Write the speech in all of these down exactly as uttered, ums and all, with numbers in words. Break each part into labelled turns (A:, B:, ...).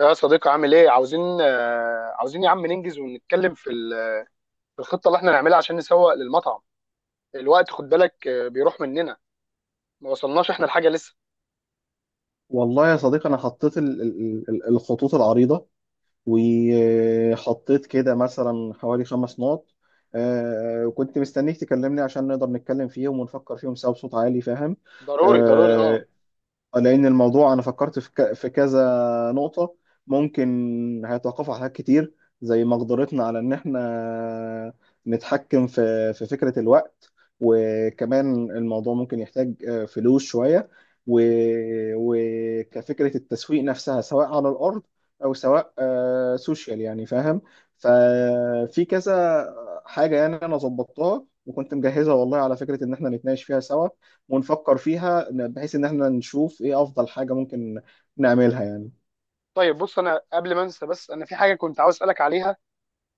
A: يا صديقي، عامل ايه؟ عاوزين آه، عاوزين يا عم ننجز ونتكلم في ال- في الخطه اللي احنا نعملها عشان نسوق للمطعم. الوقت خد بالك آه، بيروح مننا. ما وصلناش احنا الحاجه لسه.
B: والله يا صديقي انا حطيت ال- ال- ال- الخطوط العريضه، وحطيت كده مثلا حوالي خمس نقط. آه، كنت مستنيك تكلمني عشان نقدر نتكلم فيهم ونفكر فيهم سوا بصوت عالي، فاهم؟
A: ضروري ضروري، اه.
B: آه، لأن الموضوع أنا فكرت في ك- في كذا نقطة ممكن هيتوقفوا على حاجات كتير، زي مقدرتنا على إن إحنا نتحكم في في فكرة الوقت. وكمان الموضوع ممكن يحتاج آه، فلوس شوية. و- وكفكرة التسويق نفسها سواء على الأرض أو سواء آه، سوشيال، يعني فاهم؟ ففي كذا حاجة، يعني أنا ظبطتها وكنت مجهزها والله على فكرة إن إحنا نتناقش فيها سوا ونفكر فيها ن-، بحيث ان احنا نشوف ايه افضل حاجة ممكن نعملها يعني.
A: طيب بص، انا قبل ما انسى، بس انا في حاجه كنت عاوز اسالك عليها.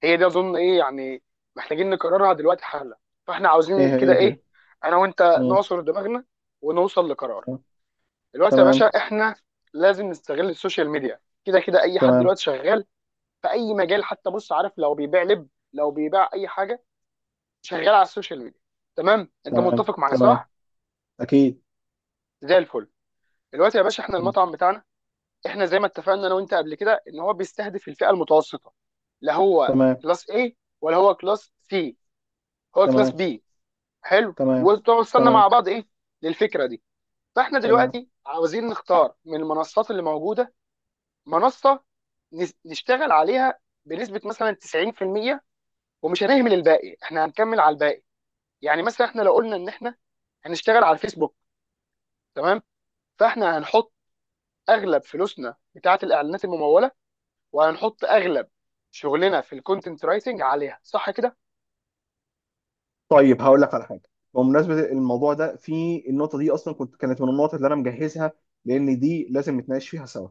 A: هي دي اظن ايه يعني؟ محتاجين نقررها دلوقتي حالا. فاحنا
B: ايه
A: عاوزين كده
B: هي؟ طيب.
A: ايه؟ انا وانت
B: مم.
A: نعصر دماغنا ونوصل لقرار.
B: آه.
A: دلوقتي يا باشا،
B: تمام،
A: احنا لازم نستغل السوشيال ميديا. كده كده اي حد
B: تمام.
A: دلوقتي شغال في اي مجال. حتى بص عارف، لو بيبيع لب، لو بيبيع اي حاجه، شغال على السوشيال ميديا. تمام، انت
B: تمام،
A: متفق معايا
B: تمام.
A: صح؟
B: اكيد.
A: زي الفل. دلوقتي يا باشا، احنا
B: مم.
A: المطعم بتاعنا، احنا زي ما اتفقنا انا وانت قبل كده، ان هو بيستهدف الفئه المتوسطه. لا هو
B: تمام،
A: كلاس A ولا هو كلاس C، هو كلاس
B: تمام.
A: B. حلو،
B: تمام،
A: وتوصلنا مع
B: تمام.
A: بعض ايه للفكره دي. فاحنا
B: تمام.
A: دلوقتي عاوزين نختار من المنصات اللي موجوده منصه نس- نشتغل عليها بنسبه مثلا تسعين في المية. ومش هنهمل الباقي، احنا هنكمل على الباقي. يعني مثلا احنا لو قلنا ان احنا هنشتغل على الفيسبوك، تمام، فاحنا هنحط اغلب فلوسنا بتاعه الاعلانات المموله، وهنحط اغلب شغلنا في الكونتنت رايتنج عليها. صح كده؟
B: طيب، هقول لك على حاجه. بمناسبه الموضوع ده، في النقطه دي اصلا كنت، كانت من النقط اللي انا مجهزها، لان دي لازم نتناقش فيها سوا.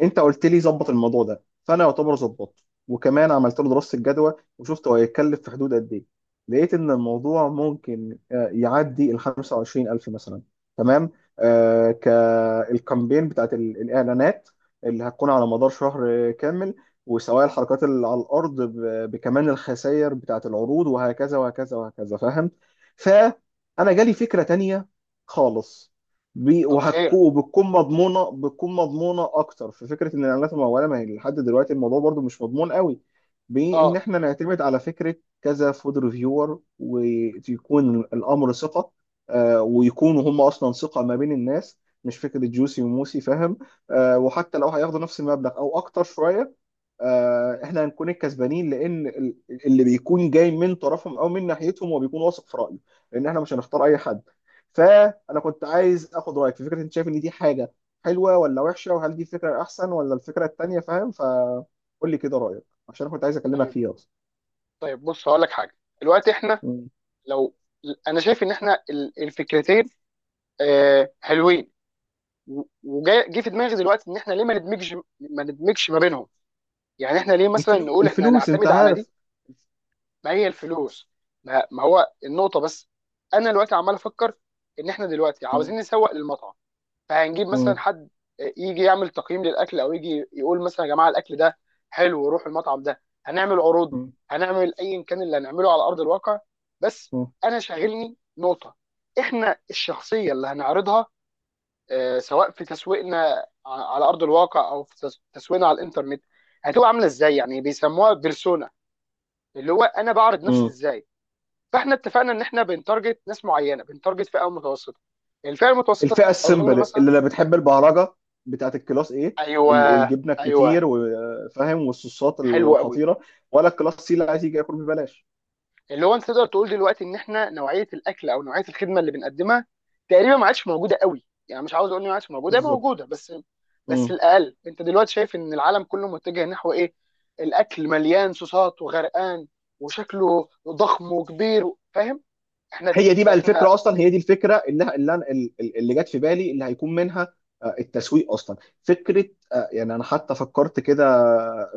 B: انت قلت لي ظبط
A: مم.
B: الموضوع ده، فانا يعتبر ظبطته وكمان عملت له دراسه الجدوى وشفت هو هيتكلف في حدود قد ايه. لقيت ان الموضوع ممكن آه، يعدي ال خمسة وعشرين ألف مثلا. تمام. آه، كالكامبين بتاعت ال- الاعلانات اللي هتكون على مدار شهر كامل، وسواء الحركات اللي على الارض ب- بكمان الخسائر بتاعه العروض وهكذا وهكذا وهكذا، فاهم؟ فانا جالي فكره تانية خالص، بي-
A: طب
B: وهتكو-
A: خير.
B: وبتكون مضمونه بتكون مضمونه اكتر في فكره ان الاعلانات المموله، ما هي لحد دلوقتي الموضوع برضو مش مضمون قوي، بان
A: اه.
B: احنا نعتمد على فكره كذا فود ريفيور ويكون الامر ثقه. آه، ويكونوا هم اصلا ثقه ما بين الناس، مش فكره جوسي وموسي، فاهم؟ آه، وحتى لو هياخدوا نفس المبلغ او اكتر شويه، آه، احنا هنكون الكسبانين، لان ال- اللي بيكون جاي من طرفهم او من ناحيتهم هو بيكون واثق في رايه، لان احنا مش هنختار اي حد. فانا كنت عايز اخد رايك في فكره، انت شايف ان دي حاجه حلوه ولا وحشه، وهل دي فكره احسن ولا الفكره التانيه؟ فاهم، فقول لي كده رايك عشان انا كنت عايز اكلمك
A: طيب،
B: فيها اصلا.
A: طيب بص هقول لك حاجه. دلوقتي احنا
B: مم.
A: لو، انا شايف ان احنا ال- الفكرتين آه حلوين. وجاي جه في دماغي دلوقتي، ان احنا ليه ما ندمجش، ما ندمجش ما بينهم؟ يعني احنا ليه مثلا
B: الفلو...
A: نقول احنا
B: الفلوس انت
A: هنعتمد على دي؟
B: عارف.
A: ما هي الفلوس. ما, ما هو النقطه بس. انا دلوقتي عمال افكر ان احنا دلوقتي
B: مم.
A: عاوزين نسوق للمطعم. فهنجيب
B: مم.
A: مثلا حد يجي يعمل تقييم للاكل، او يجي يقول مثلا يا جماعه الاكل ده حلو، وروح المطعم ده، هنعمل عروض،
B: مم.
A: هنعمل ايا كان اللي هنعمله على ارض الواقع. بس انا شاغلني نقطه، احنا الشخصيه اللي هنعرضها آه، سواء في تسويقنا ع- على ارض الواقع او في تس- تسويقنا على الانترنت، هتبقى عامله ازاي؟ يعني بيسموها بيرسونا، اللي هو انا بعرض نفسي
B: مم.
A: ازاي. فاحنا اتفقنا ان احنا بنتارجت ناس معينه، بنتارجت فئه متوسطه. الفئه المتوسطه
B: الفئه
A: دي اظن
B: السمبل
A: مثلا.
B: اللي لا بتحب البهرجه بتاعت الكلاس ايه،
A: ايوه،
B: والجبنه
A: ايوه،
B: الكتير وفاهم والصوصات
A: حلو قوي.
B: الخطيره، ولا الكلاس سي اللي عايز يجي ياكل ببلاش؟
A: اللي هو انت تقدر تقول دلوقتي ان احنا نوعيه الاكل او نوعيه الخدمه اللي بنقدمها تقريبا ما عادش موجوده قوي. يعني مش عاوز اقول ان ما عادش موجوده، هي
B: بالظبط.
A: موجوده بس. بس
B: مم.
A: الاقل انت دلوقتي شايف ان العالم كله متجه نحو ايه؟ الاكل مليان صوصات وغرقان، وشكله ضخم وكبير، فاهم؟ احنا
B: هي دي بقى
A: احنا
B: الفكره اصلا، هي دي الفكره اللي اللي أنا- اللي جت في بالي، اللي هيكون منها آه، التسويق اصلا فكره. آه، يعني انا حتى فكرت كده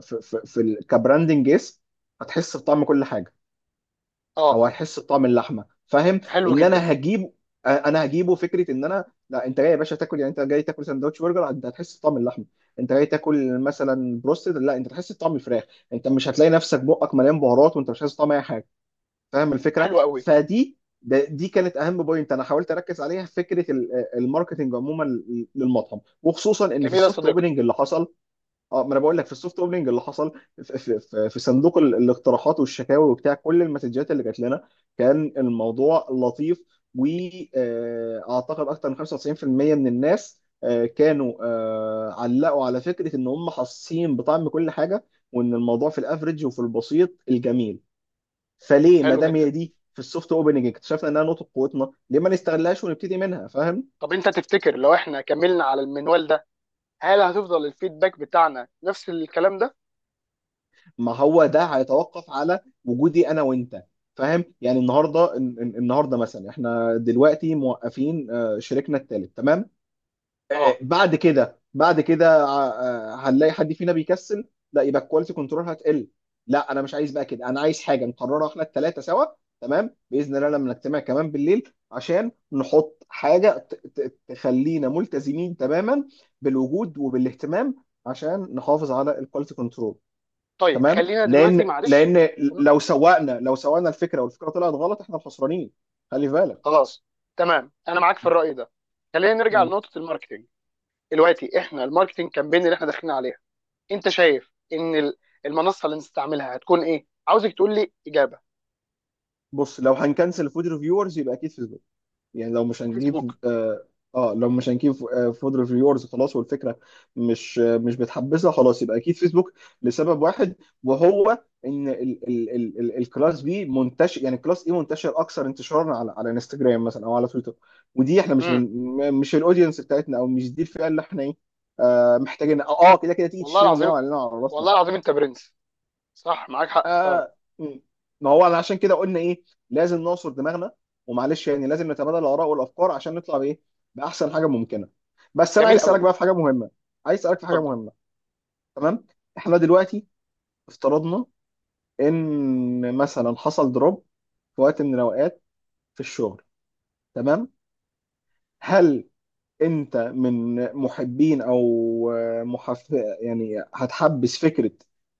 B: في في, في ال- كبراندنج اسم. هتحس بطعم كل حاجه
A: اه.
B: او هيحس بطعم اللحمه، فاهم؟
A: حلو
B: ان
A: جدا.
B: انا هجيب، انا هجيبه فكره ان انا، لا انت جاي يا باشا تاكل، يعني انت جاي تاكل سندوتش برجر انت هتحس بطعم اللحمه، انت جاي تاكل مثلا بروستد لا انت هتحس بطعم الفراخ، انت مش هتلاقي نفسك بقك مليان بهارات وانت مش حاسس بطعم اي حاجه، فاهم الفكره؟
A: حلو قوي.
B: فدي ده- دي كانت اهم بوينت انا حاولت اركز عليها في فكره ال- الماركتنج عموما للمطعم، وخصوصا ان في
A: جميل يا
B: السوفت
A: صديقي.
B: اوبننج اللي حصل. اه، ما انا بقول لك في السوفت اوبننج اللي حصل في, في, في, في صندوق ال- الاقتراحات والشكاوي وبتاع، كل المسجات اللي جات لنا كان الموضوع لطيف، واعتقد اكتر من خمسة وتسعين في المية من الناس آه، كانوا آه، علقوا على فكره ان هم حاسين بطعم كل حاجه، وان الموضوع في الافريج وفي البسيط الجميل. فليه ما
A: حلو
B: دام هي
A: جدا.
B: دي في السوفت اوبننج اكتشفنا انها نقطه قوتنا، ليه ما نستغلهاش ونبتدي منها، فاهم؟
A: طب انت تفتكر لو احنا كملنا على المنوال ده، هل هتفضل الفيدباك بتاعنا نفس الكلام ده؟
B: ما هو ده هيتوقف على وجودي انا وانت، فاهم؟ يعني النهارده الن- الن- النهارده مثلا احنا دلوقتي موقفين آه، شريكنا الثالث تمام. آه، آه،
A: اه.
B: بعد كده، بعد كده، آه، آه، هنلاقي حد فينا بيكسل، لا يبقى الكواليتي كنترول هتقل. لا انا مش عايز بقى كده، انا عايز حاجه نقررها احنا الثلاثه سوا. تمام، باذن الله لما نجتمع كمان بالليل عشان نحط حاجه ت- ت- تخلينا ملتزمين تماما بالوجود وبالاهتمام، عشان نحافظ على الكواليتي كنترول.
A: طيب
B: تمام،
A: خلينا دلوقتي
B: لان
A: معلش.
B: لان لو سوقنا لو سوقنا الفكره والفكره طلعت غلط احنا الخسرانين، خلي في بالك.
A: خلاص، تمام، انا معاك في الرأي ده. خلينا نرجع
B: مم.
A: لنقطة الماركتينج. دلوقتي احنا الماركتينج كامبين اللي احنا داخلين عليها، انت شايف ان ال- المنصة اللي نستعملها هتكون ايه؟ عاوزك تقول لي اجابة.
B: بص، لو هنكنسل فود ريفيورز يبقى اكيد فيسبوك. يعني لو مش هنجيب
A: فيسبوك.
B: اه، آه، لو مش هنجيب آه، فود ريفيورز خلاص، والفكره مش آه، مش بتحبسها خلاص، يبقى اكيد فيسبوك. لسبب واحد، وهو ان ال ال ال ال الكلاس بي منتشر، يعني الكلاس اي منتشر اكثر انتشارا على على انستجرام مثلا او على تويتر، ودي احنا مش
A: امم.
B: من، م- مش الاودينس بتاعتنا، او مش دي الفئه اللي احنا ايه آه محتاجين اه، آه، كده كده تيجي
A: والله
B: تشتري مننا
A: العظيم،
B: وعلينا على راسنا.
A: والله العظيم انت برنس. صح، معاك حق فعلا.
B: آه م. ما هو أنا عشان كده قلنا ايه؟ لازم نعصر دماغنا، ومعلش يعني لازم نتبادل الاراء والافكار عشان نطلع بايه، باحسن حاجه ممكنه. بس انا
A: جميل
B: عايز اسالك
A: قوي.
B: بقى في حاجه مهمه، عايز اسالك في حاجه
A: اتفضل.
B: مهمه. تمام، احنا دلوقتي افترضنا ان مثلا حصل دروب في وقت من الاوقات في الشغل، تمام؟ هل انت من محبين او محف، يعني هتحبس فكره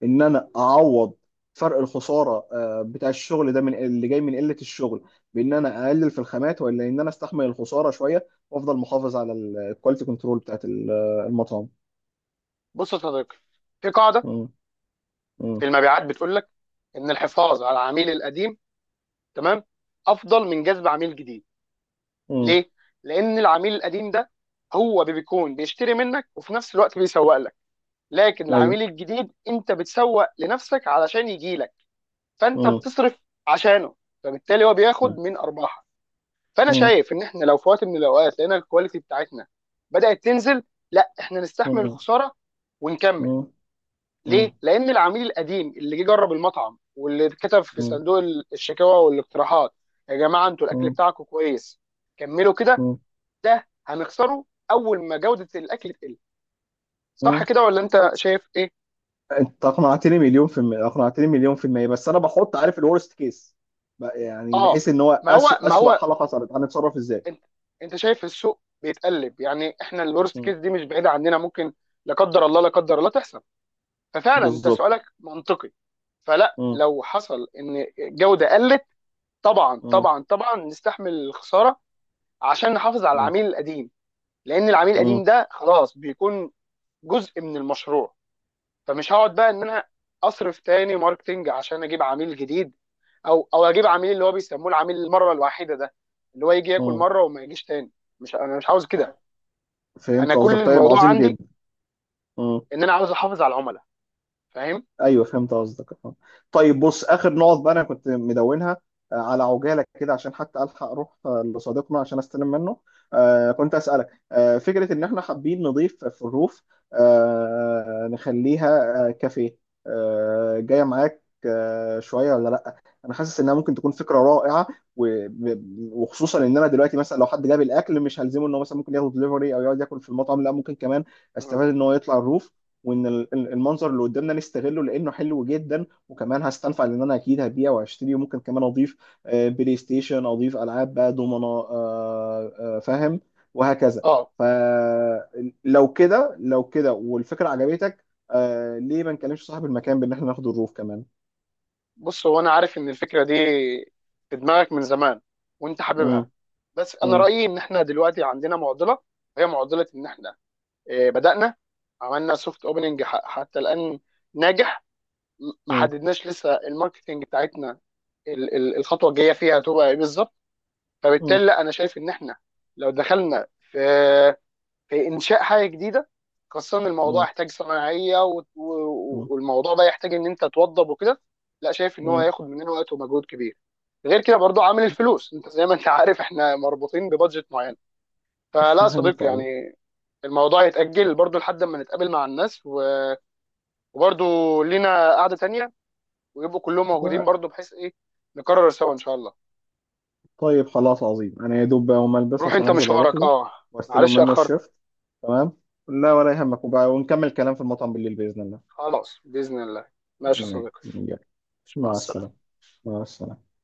B: ان انا اعوض فرق الخساره آه، بتاع الشغل ده من اللي جاي من قله الشغل، بان انا اقلل في الخامات، ولا ان انا استحمل الخساره شويه وافضل محافظ على الكواليتي كنترول بتاعت ال- المطعم؟
A: بص يا صديقي، في قاعدة
B: مم، مم،
A: في المبيعات بتقول لك ان الحفاظ على العميل القديم، تمام، افضل من جذب عميل جديد.
B: مم،
A: ليه؟ لان العميل القديم ده هو بيكون بيشتري منك وفي نفس الوقت بيسوق لك، لكن
B: ايوه.
A: العميل الجديد انت بتسوق لنفسك علشان يجي لك، فانت
B: مم،
A: بتصرف عشانه، فبالتالي هو بياخد
B: مم،
A: من ارباحك. فانا
B: مم،
A: شايف ان احنا لو في وقت من الاوقات لقينا الكواليتي بتاعتنا بدات تنزل، لا، احنا نستحمل
B: مم،
A: الخساره ونكمل.
B: مم، مم،
A: ليه؟ لأن العميل القديم اللي جه جرب المطعم واللي كتب في
B: مم،
A: صندوق الشكاوى والاقتراحات يا جماعة انتوا الأكل بتاعكم كويس كملوا كده،
B: مم،
A: ده هنخسره أول ما جودة الأكل تقل. صح
B: مم.
A: كده ولا أنت شايف إيه؟
B: انت اقنعتني مليون في المية، اقنعتني مليون في المية، بس انا بحط عارف الورست كيس، يعني
A: آه.
B: بحيث ان هو
A: ما هو
B: اسوء
A: ما
B: اسوء
A: هو
B: حالة حصلت هنتصرف ازاي.
A: أنت، أنت شايف السوق بيتقلب، يعني إحنا الورست
B: مم.
A: كيس دي مش بعيدة عننا، ممكن لا قدر الله، لا قدر الله تحصل. ففعلا أنت
B: بالظبط.
A: سؤالك منطقي. فلا،
B: مم.
A: لو حصل إن الجودة قلت، طبعا
B: مم.
A: طبعا طبعا نستحمل الخسارة عشان نحافظ على
B: مم.
A: العميل القديم. لان العميل القديم
B: مم.
A: ده خلاص بيكون جزء من المشروع. فمش هقعد بقى ان انا اصرف تاني ماركتنج عشان اجيب عميل جديد، او او اجيب عميل اللي هو بيسموه العميل المره الواحده ده، اللي هو يجي ياكل
B: مم.
A: مره وما يجيش تاني. مش، انا مش عاوز كده.
B: طيب. فهمت
A: انا كل
B: قصدك، طيب
A: الموضوع
B: عظيم
A: عندي
B: جدا. مم.
A: ان انا عاوز احافظ على العملاء، فاهم.
B: ايوه فهمت قصدك، اه. طيب بص، اخر نقط بقى انا كنت مدونها آه، على عجاله كده عشان حتى الحق اروح آه، لصديقنا عشان استلم منه. آه، كنت اسالك آه، فكره ان احنا حابين نضيف في الروف، آه، نخليها آه، كافيه، آه، جايه معاك آه، شويه ولا لا. انا حاسس انها ممكن تكون فكره رائعه، و- ب- وخصوصا ان انا دلوقتي مثلا لو حد جاب الاكل مش هلزمه ان هو مثلا ممكن ياخد دليفري او يقعد ياكل في المطعم، لا ممكن كمان
A: مم.
B: استفاد ان هو يطلع الروف، وان ال- ال- المنظر اللي قدامنا نستغله لانه حلو جدا، وكمان هستنفع لان انا اكيد هبيع وهشتري وممكن كمان اضيف آه، بلاي ستيشن، اضيف العاب بقى دومنا، آه، آه، فاهم، وهكذا.
A: اه
B: فلو كده، لو كده، والفكره عجبتك، آه، ليه ما نكلمش صاحب المكان بان احنا ناخد الروف كمان؟
A: بص، هو انا عارف ان الفكره دي في دماغك من زمان وانت
B: مم،
A: حاببها، بس انا
B: مم،
A: رايي ان احنا دلوقتي عندنا معضله. هي معضله ان احنا إيه، بدأنا. عملنا سوفت اوبننج حتى الآن ناجح. م- ما
B: مم،
A: حددناش لسه الماركتنج بتاعتنا، ال- ال- الخطوة الجاية فيها هتبقى ايه بالظبط. فبالتالي
B: مم،
A: لا، انا شايف ان احنا لو دخلنا في في انشاء حاجة جديدة، خاصة إن الموضوع
B: مم،
A: يحتاج صناعية و- و-
B: مم،
A: والموضوع ده يحتاج ان انت توضب وكده، لا شايف ان هو
B: مم.
A: هياخد مننا وقت ومجهود كبير. غير كده برضو عامل الفلوس انت زي ما انت عارف احنا مربوطين ببادجت معين. فلا يا
B: فهمت
A: صديقي
B: قوي.
A: يعني الموضوع يتأجل برضو لحد ما نتقابل مع الناس، وبرضو لينا قعده تانيه ويبقوا كلهم موجودين برضو، بحيث ايه، نكرر سوا ان شاء الله.
B: طيب خلاص عظيم، انا يا دوب بقى اقوم البس
A: روح
B: عشان
A: انت
B: انزل اروح
A: مشوارك،
B: له
A: اه.
B: واستلم
A: معلش
B: منه
A: اخرتك.
B: الشيفت. تمام. لا ولا يهمك، وبقى ونكمل كلام في المطعم بالليل باذن الله.
A: خلاص باذن الله. ماشي يا
B: تمام.
A: صديقي.
B: يلا،
A: مع
B: مع السلامه.
A: السلامه.
B: مع السلامه.